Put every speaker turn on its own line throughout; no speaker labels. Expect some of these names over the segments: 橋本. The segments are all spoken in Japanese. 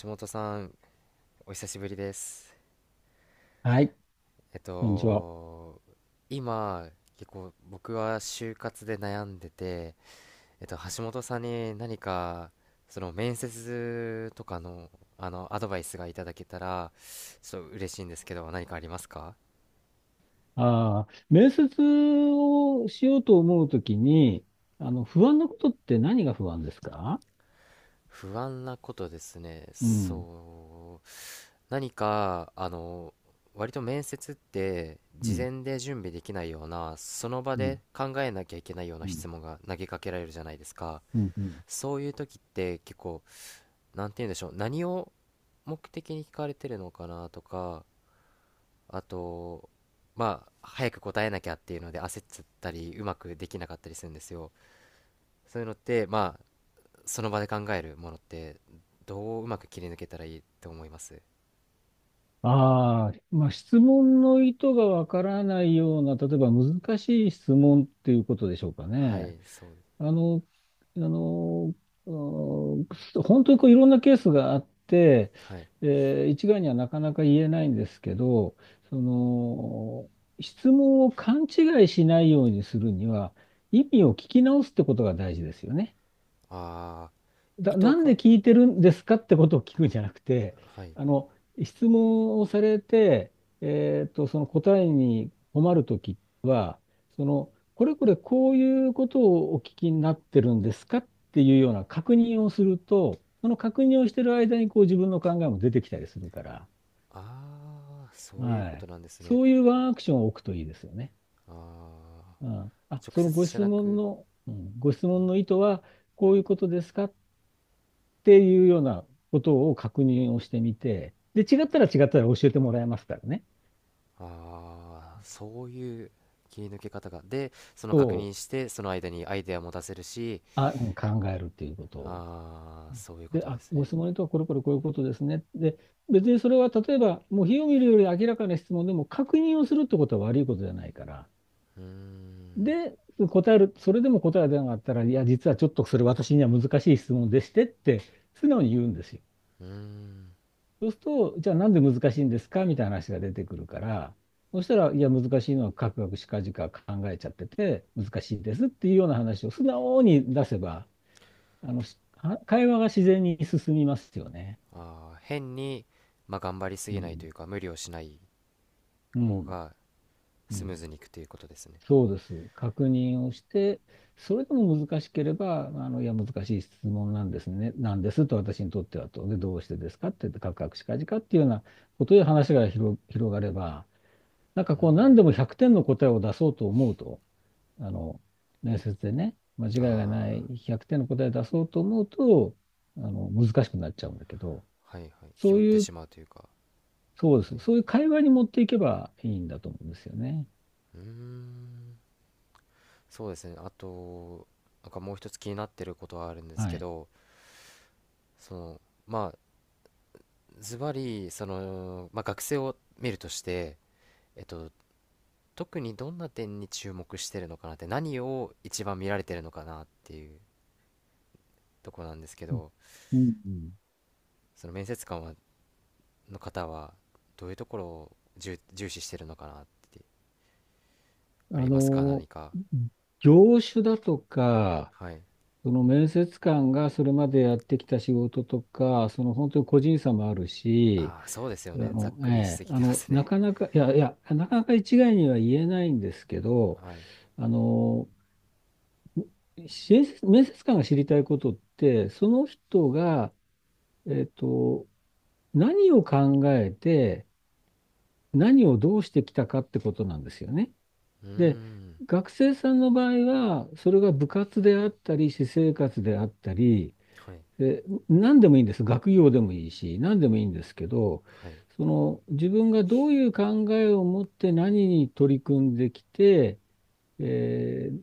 橋本さん、お久しぶりです。
はい、
えっ
こんにちは。
と、今、結構僕は就活で悩んでて、橋本さんに何か、その面接とかの、アドバイスがいただけたら、ちょっと嬉しいんですけど、何かありますか？
ああ、面接をしようと思うときに、不安なことって何が不安ですか？
不安なことですね。
うん、
そう。何か、割と面接って
う
事
ん、
前で準備できないような、その場
うん、
で考えなきゃいけないよう
う
な
ん、
質問が投げかけられるじゃないですか。
うん。うん。
そういう時って結構、なんて言うんでしょう、何を目的に聞かれてるのかなとか、あと、早く答えなきゃっていうので焦っちゃったり、うまくできなかったりするんですよ。そういうのって、その場で考えるものって、どううまく切り抜けたらいいと思います？
ああ、まあ、質問の意図がわからないような、例えば難しい質問っていうことでしょうか
は
ね。
い、そう。
あの、あの、うん、本当にこういろんなケースがあって、
はい。
一概にはなかなか言えないんですけど、その、質問を勘違いしないようにするには、意味を聞き直すってことが大事ですよね。
ああ、意図
なん
が、
で聞いてるんですかってことを聞くんじゃなくて、
はい。
あの、質問をされて、その答えに困るときは、その、これこれこういうことをお聞きになってるんですかっていうような確認をすると、その確認をしてる間にこう自分の考えも出てきたりするから。
ああ、そういう
は
こと
い。
なんですね。
そういうワンアクションを置くといいですよね。
ああ、
うん。あ、
直
そ
接
のご
じゃ
質
な
問
く、
の、うん、ご質問の意図はこういうことですかっていうようなことを確認をしてみて、で、違ったら教えてもらえますからね。
ああ、そういう切り抜け方が。で、その確
そ
認
う、
して、その間にアイデアも出せるし、
あ、うん、考えるっていうことを。
ああ、そういうこ
で、
とで
あ、
す
ご
ね。
質問にとはこれこれこういうことですね。で、別にそれは例えば、もう火を見るより明らかな質問でも確認をするってことは悪いことじゃないから。
うーん、
で、答える、それでも答えが出なかったら、いや、実はちょっとそれ私には難しい質問でしてって、素直に言うんですよ。
うーん。
そうすると、じゃあなんで難しいんですかみたいな話が出てくるから、そしたら、いや、難しいのはカクカクしかじか考えちゃってて、難しいですっていうような話を素直に出せば、しは会話が自然に進みますよね。
ああ、変に、頑張りす
う
ぎないと
ん。
いうか、無理をしない
う
方
ん。
が
う
スムー
ん。
ズにいくということですね。
そうです。確認をして、それでも難しければ、いや、難しい質問なんですね。なんですと、私にとってはと。で、どうしてですかって、カクカクしかじかっていうようなことで話が広がれば、なんか
うー
こ
ん、
う何でも100点の答えを出そうと思うと、あの、面接でね、間違いがない
あ
100点の答えを出そうと思うと、難しくなっちゃうんだけど、
あ、はいはい。気
そう
負って
いう、
しまうというか、
そうで
は
す。
い。
そういう会話に持っていけばいいんだと思うんですよね。
うーん、そうですね。あと、なんかもう一つ気になってることはあるんです
は
け
い。
ど、その、まあ、ズバリ、その、学生を見るとして、えっと、特にどんな点に注目してるのかなって、何を一番見られてるのかなっていうところなんですけ
うん、
ど、
うん、うん。
その面接官は、の方は、どういうところを重視してるのかなって、
あ
ありますか、何
の、
か。
業種だとか、
はい。
その面接官がそれまでやってきた仕事とか、その本当に個人差もあるし、
ああ、そうですよね。ざっくりしすぎてます
な
ね。
かなか、いやいや、なかなか一概には言えないんですけ ど、
はい。
あの、面接官が知りたいことって、その人が、えっと、何を考えて、何をどうしてきたかってことなんですよね。
うー
で、
ん。
学生さんの場合は、それが部活であったり、私生活であったり、
はい。
で、何でもいいんです。学業でもいいし、何でもいいんですけど、
はい。
その自分がどういう考えを持って何に取り組んできて、えー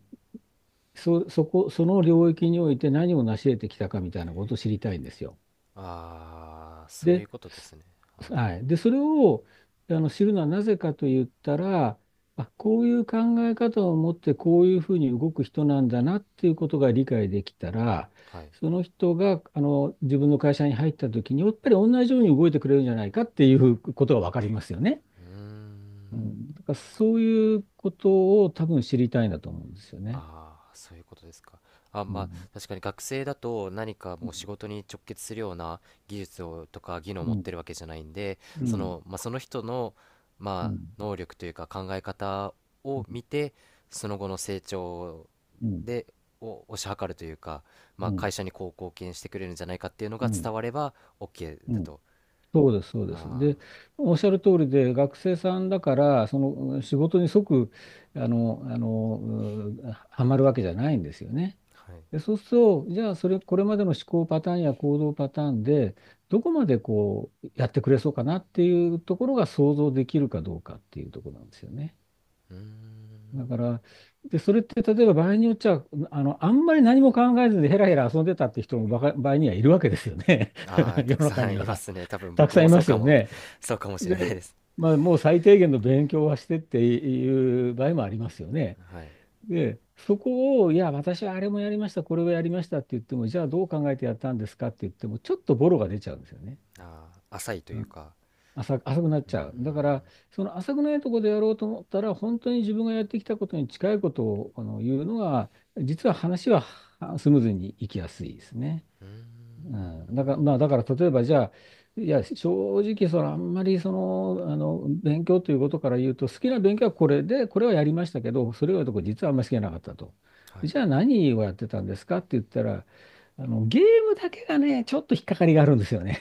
その領域において何を成し得てきたかみたいなことを知りたいんですよ。
ああ、そうい
で、
うことですね。はい。
はい。で、それを知るのはなぜかと言ったら、あ、こういう考え方を持ってこういうふうに動く人なんだなっていうことが理解できたら、
はい。
その人が自分の会社に入った時に、やっぱり同じように動いてくれるんじゃないかっていうことが分かりますよね。
うー
う
ん。
ん、だからそういうことを多分知りたいんだと思うんですよね。
ああ、そういうことですか。あ、
う
まあ、
ん。
確かに学生だと何か
う
も
ん。
う仕事に直結するような技術をとか技能を
う
持っ
ん。
てるわけじゃないんで、
う
そ
ん。
の、その人の、
うん。
能力というか考え方を見て、その後の成長
うん。
で、を推し量るというか、
うん。
会社にこう貢献してくれるんじゃないかっていうの
う
が
ん。
伝われば OK
う
だ
ん。
と。
そうです、そうです。
あ
で、おっしゃる通りで、学生さんだから、その仕事に即、はまるわけじゃないんですよね。
あ、はい。
で、そうすると、じゃあ、これまでの思考パターンや行動パターンで、どこまでこう、やってくれそうかなっていうところが想像できるかどうかっていうところなんですよね。
うー
だ
ん。
から、で、それって、例えば場合によっちゃ、あんまり何も考えずにヘラヘラ遊んでたって人もばか場合にはいるわけですよね。
ああ、た
世
く
の中
さ
に
んいま
は。
すね。多分
たく
僕
さんい
もそ
ま
う
す
か
よ
も、
ね。
そうかもしれない
で、
です。
まあ、もう最低限の勉強はしてっていう場合もありますよね。
はい。
で、そこを、いや、私はあれもやりました、これをやりましたって言っても、じゃあどう考えてやったんですかって言っても、ちょっとボロが出ちゃうんですよね。
ああ、浅いと
う
いう
ん。
か、
浅、浅くなっ
う
ちゃう。
ん、
だから、その浅くないところでやろうと思ったら、本当に自分がやってきたことに近いことを言うのが、実は話はスムーズにいきやすいですね。うん、だから、まあ、だから例えばじゃあ、いや、正直、そのあんまりその、あの勉強ということから言うと、好きな勉強はこれで、これはやりましたけど、それ以外のとこ実はあんまり好きじゃなかったと。
はい。
じゃあ何をやってたんですかって言ったら、ゲームだけがね、ちょっと引っかかりがあるんですよね。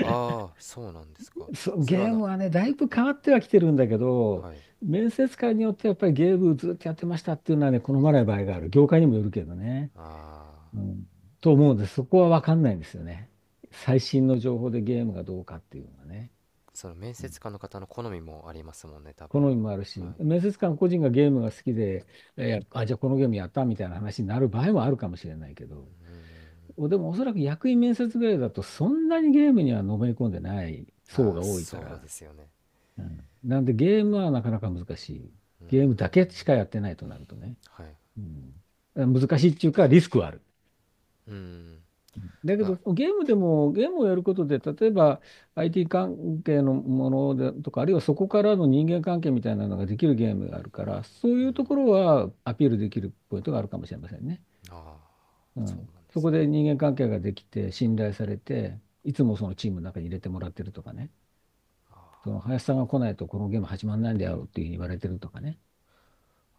ああ、そうなんですか。
そう、
それは
ゲー
な、
ムはね、だいぶ変わってはきてるんだけど、
はい。
面接官によってやっぱりゲームずっとやってましたっていうのはね、好まない場合がある。業界にもよるけどね。
ああ、
うん、と思うので、そこは分かんないんですよね。最新の情報でゲームがどうかっていうのはね。
その面
うん、
接官の方の好みもありますもんね、多
好
分。
みもある
は
し、
い。
面接官個人がゲームが好きで、あ、じゃあこのゲームやったみたいな話になる場合もあるかもしれないけど、でもおそらく役員面接ぐらいだと、そんなにゲームにはのめり込んでない層
ああ、
が多いか
そうで
ら、
すよね。
うん、なんでゲームはなかなか難しい。
うーん、
ゲームだけしかやってないとなるとね。
はい。
うん、難しいっていうか、リスクはある。
うーん、
だけ
ま
ど、
あ、
ゲームでも、ゲームをやることで、例えば IT 関係のものでとか、あるいはそこからの人間関係みたいなのができるゲームがあるから、そういうところはアピールできるポイントがあるかもしれませんね。
ああ、
う
そ
ん。
うなんで
そ
す
こ
ね。
で人間関係ができて、信頼されて、いつもそのチームの中に入れてもらってるとかね。その林さんが来ないとこのゲーム始まらないんだよっていうふうに言われてるとかね。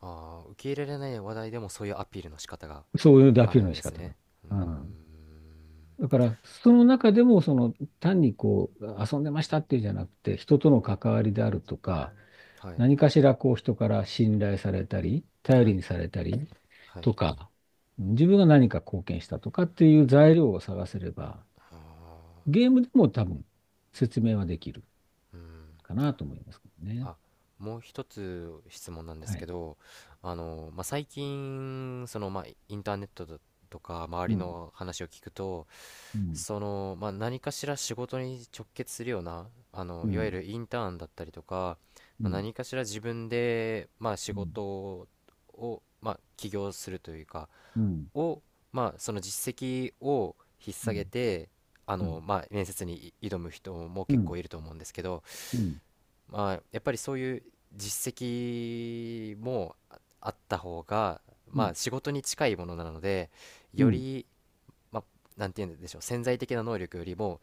ああ、受け入れられない話題でもそういうアピールの仕方が
そういうア
あ
ピー
る
ル
ん
の
で
仕
す
方だ。
ね。うー
うん。
ん、
だから、その中でも、その、単にこう、遊んでましたっていうじゃなくて、人との関わりであるとか、
はい、
何かしらこう、人から信頼されたり、頼
は
り
い、
にされたり
はい。
とか、自分が何か貢献したとかっていう材料を探せれば、
ああ、
ゲームでも多分、説明はできる
うん。
かなと思いますけどね。
あ、もう一つ質問なんで
は
すけ
い。
ど、最近、その、インターネットだとか、周りの話を聞くと、その、何かしら仕事に直結するような、
う
いわゆ
ん、
るインターンだったりとか、
うん、
何かしら自分で、仕
うん、
事を、起業するというか、
うん、
を、その実績を引っ
う
提げ
ん、
て、
うん、
面接に挑む人も
う
結構
ん、
いると思うんですけど、
うん、
やっぱりそういう実績もああった方が、
うん、
仕事に近いものなので、
う
よ
ん。
り、まあ、なんて言うんでしょう、潜在的な能力よりも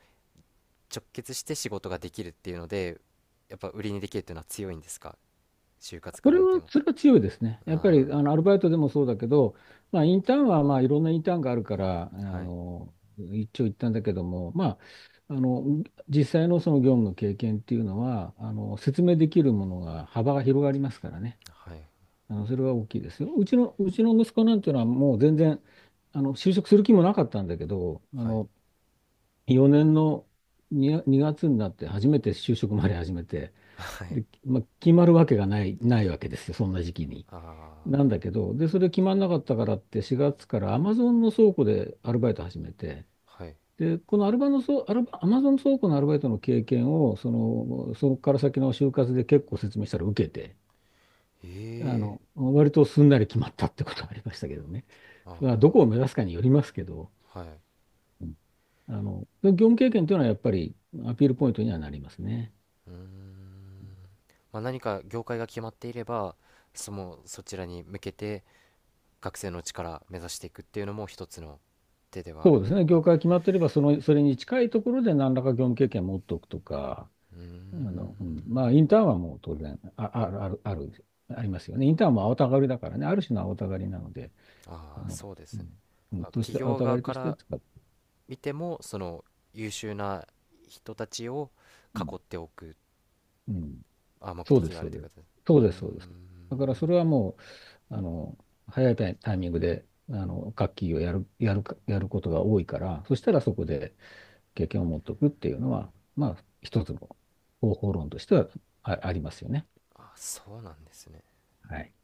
直結して仕事ができるっていうので、やっぱ売りにできるっていうのは強いんですか、就活
そ
から
れ
見て
は、
も。
それは強いですね。やっぱり
あ
アルバイトでもそうだけど、まあ、インターンはまあいろんなインターンがあるから、
あ、はい、
の一長一短だけども、まあ、実際のその業務の経験っていうのは説明できるものが幅が広がりますからね。
はい、
それは大きいですよ。うちの息子なんていうのはもう全然就職する気もなかったんだけど、
はい、
4年の2月になって初めて就職まで始めて、
はい、
で、まあ、決まるわけがない、ないわけですよ、そんな時期に。
あ
なんだけど、で、それ決まんなかったからって4月からアマゾンの倉庫でアルバイト始めて、
あ、はい。
で、このアルバのそ、アルバ、アマゾン倉庫のアルバイトの経験を、その、そこから先の就活で結構説明したら受けて、
ええ、
割とすんなり決まったってことがありましたけどね。まあ、どこを
あ
目指すかによりますけど、
あ、はい。
うん。業務経験というのはやっぱりアピールポイントにはなりますね。
うーん。何か業界が決まっていれば、そのそちらに向けて学生のうちから目指していくっていうのも一つの手ではあ
そ
る
うで
と
す
いう
ね。業
か。
界決まっていれば、その、それに近いところで何らか業務経験を持っておくとか、
うーん。
うん、まあ、インターンはもう当然、あ、ある、ある、ある、ありますよね。インターンも青たがりだからね、ある種の青たがりなので、あ
ああ、
の、
そうで
う
すね、
ん、うんとし
企
て、青
業
たが
側
りと
か
して
ら
使っ
見てもその優秀な人たちを
うん、
囲っておく、
うん、
あ、目
そうで
的
す、
があ
そう
るとい
で
うこ
す。
とです。う
そ
ー
うです、そうです。だからそ
ん。
れはもう、早いタイミングで、楽器をやることが多いから、そしたらそこで経験を持っておくっていうのは、まあ、一つの方法論としてはありますよね。
あ、そうなんですね。
はい。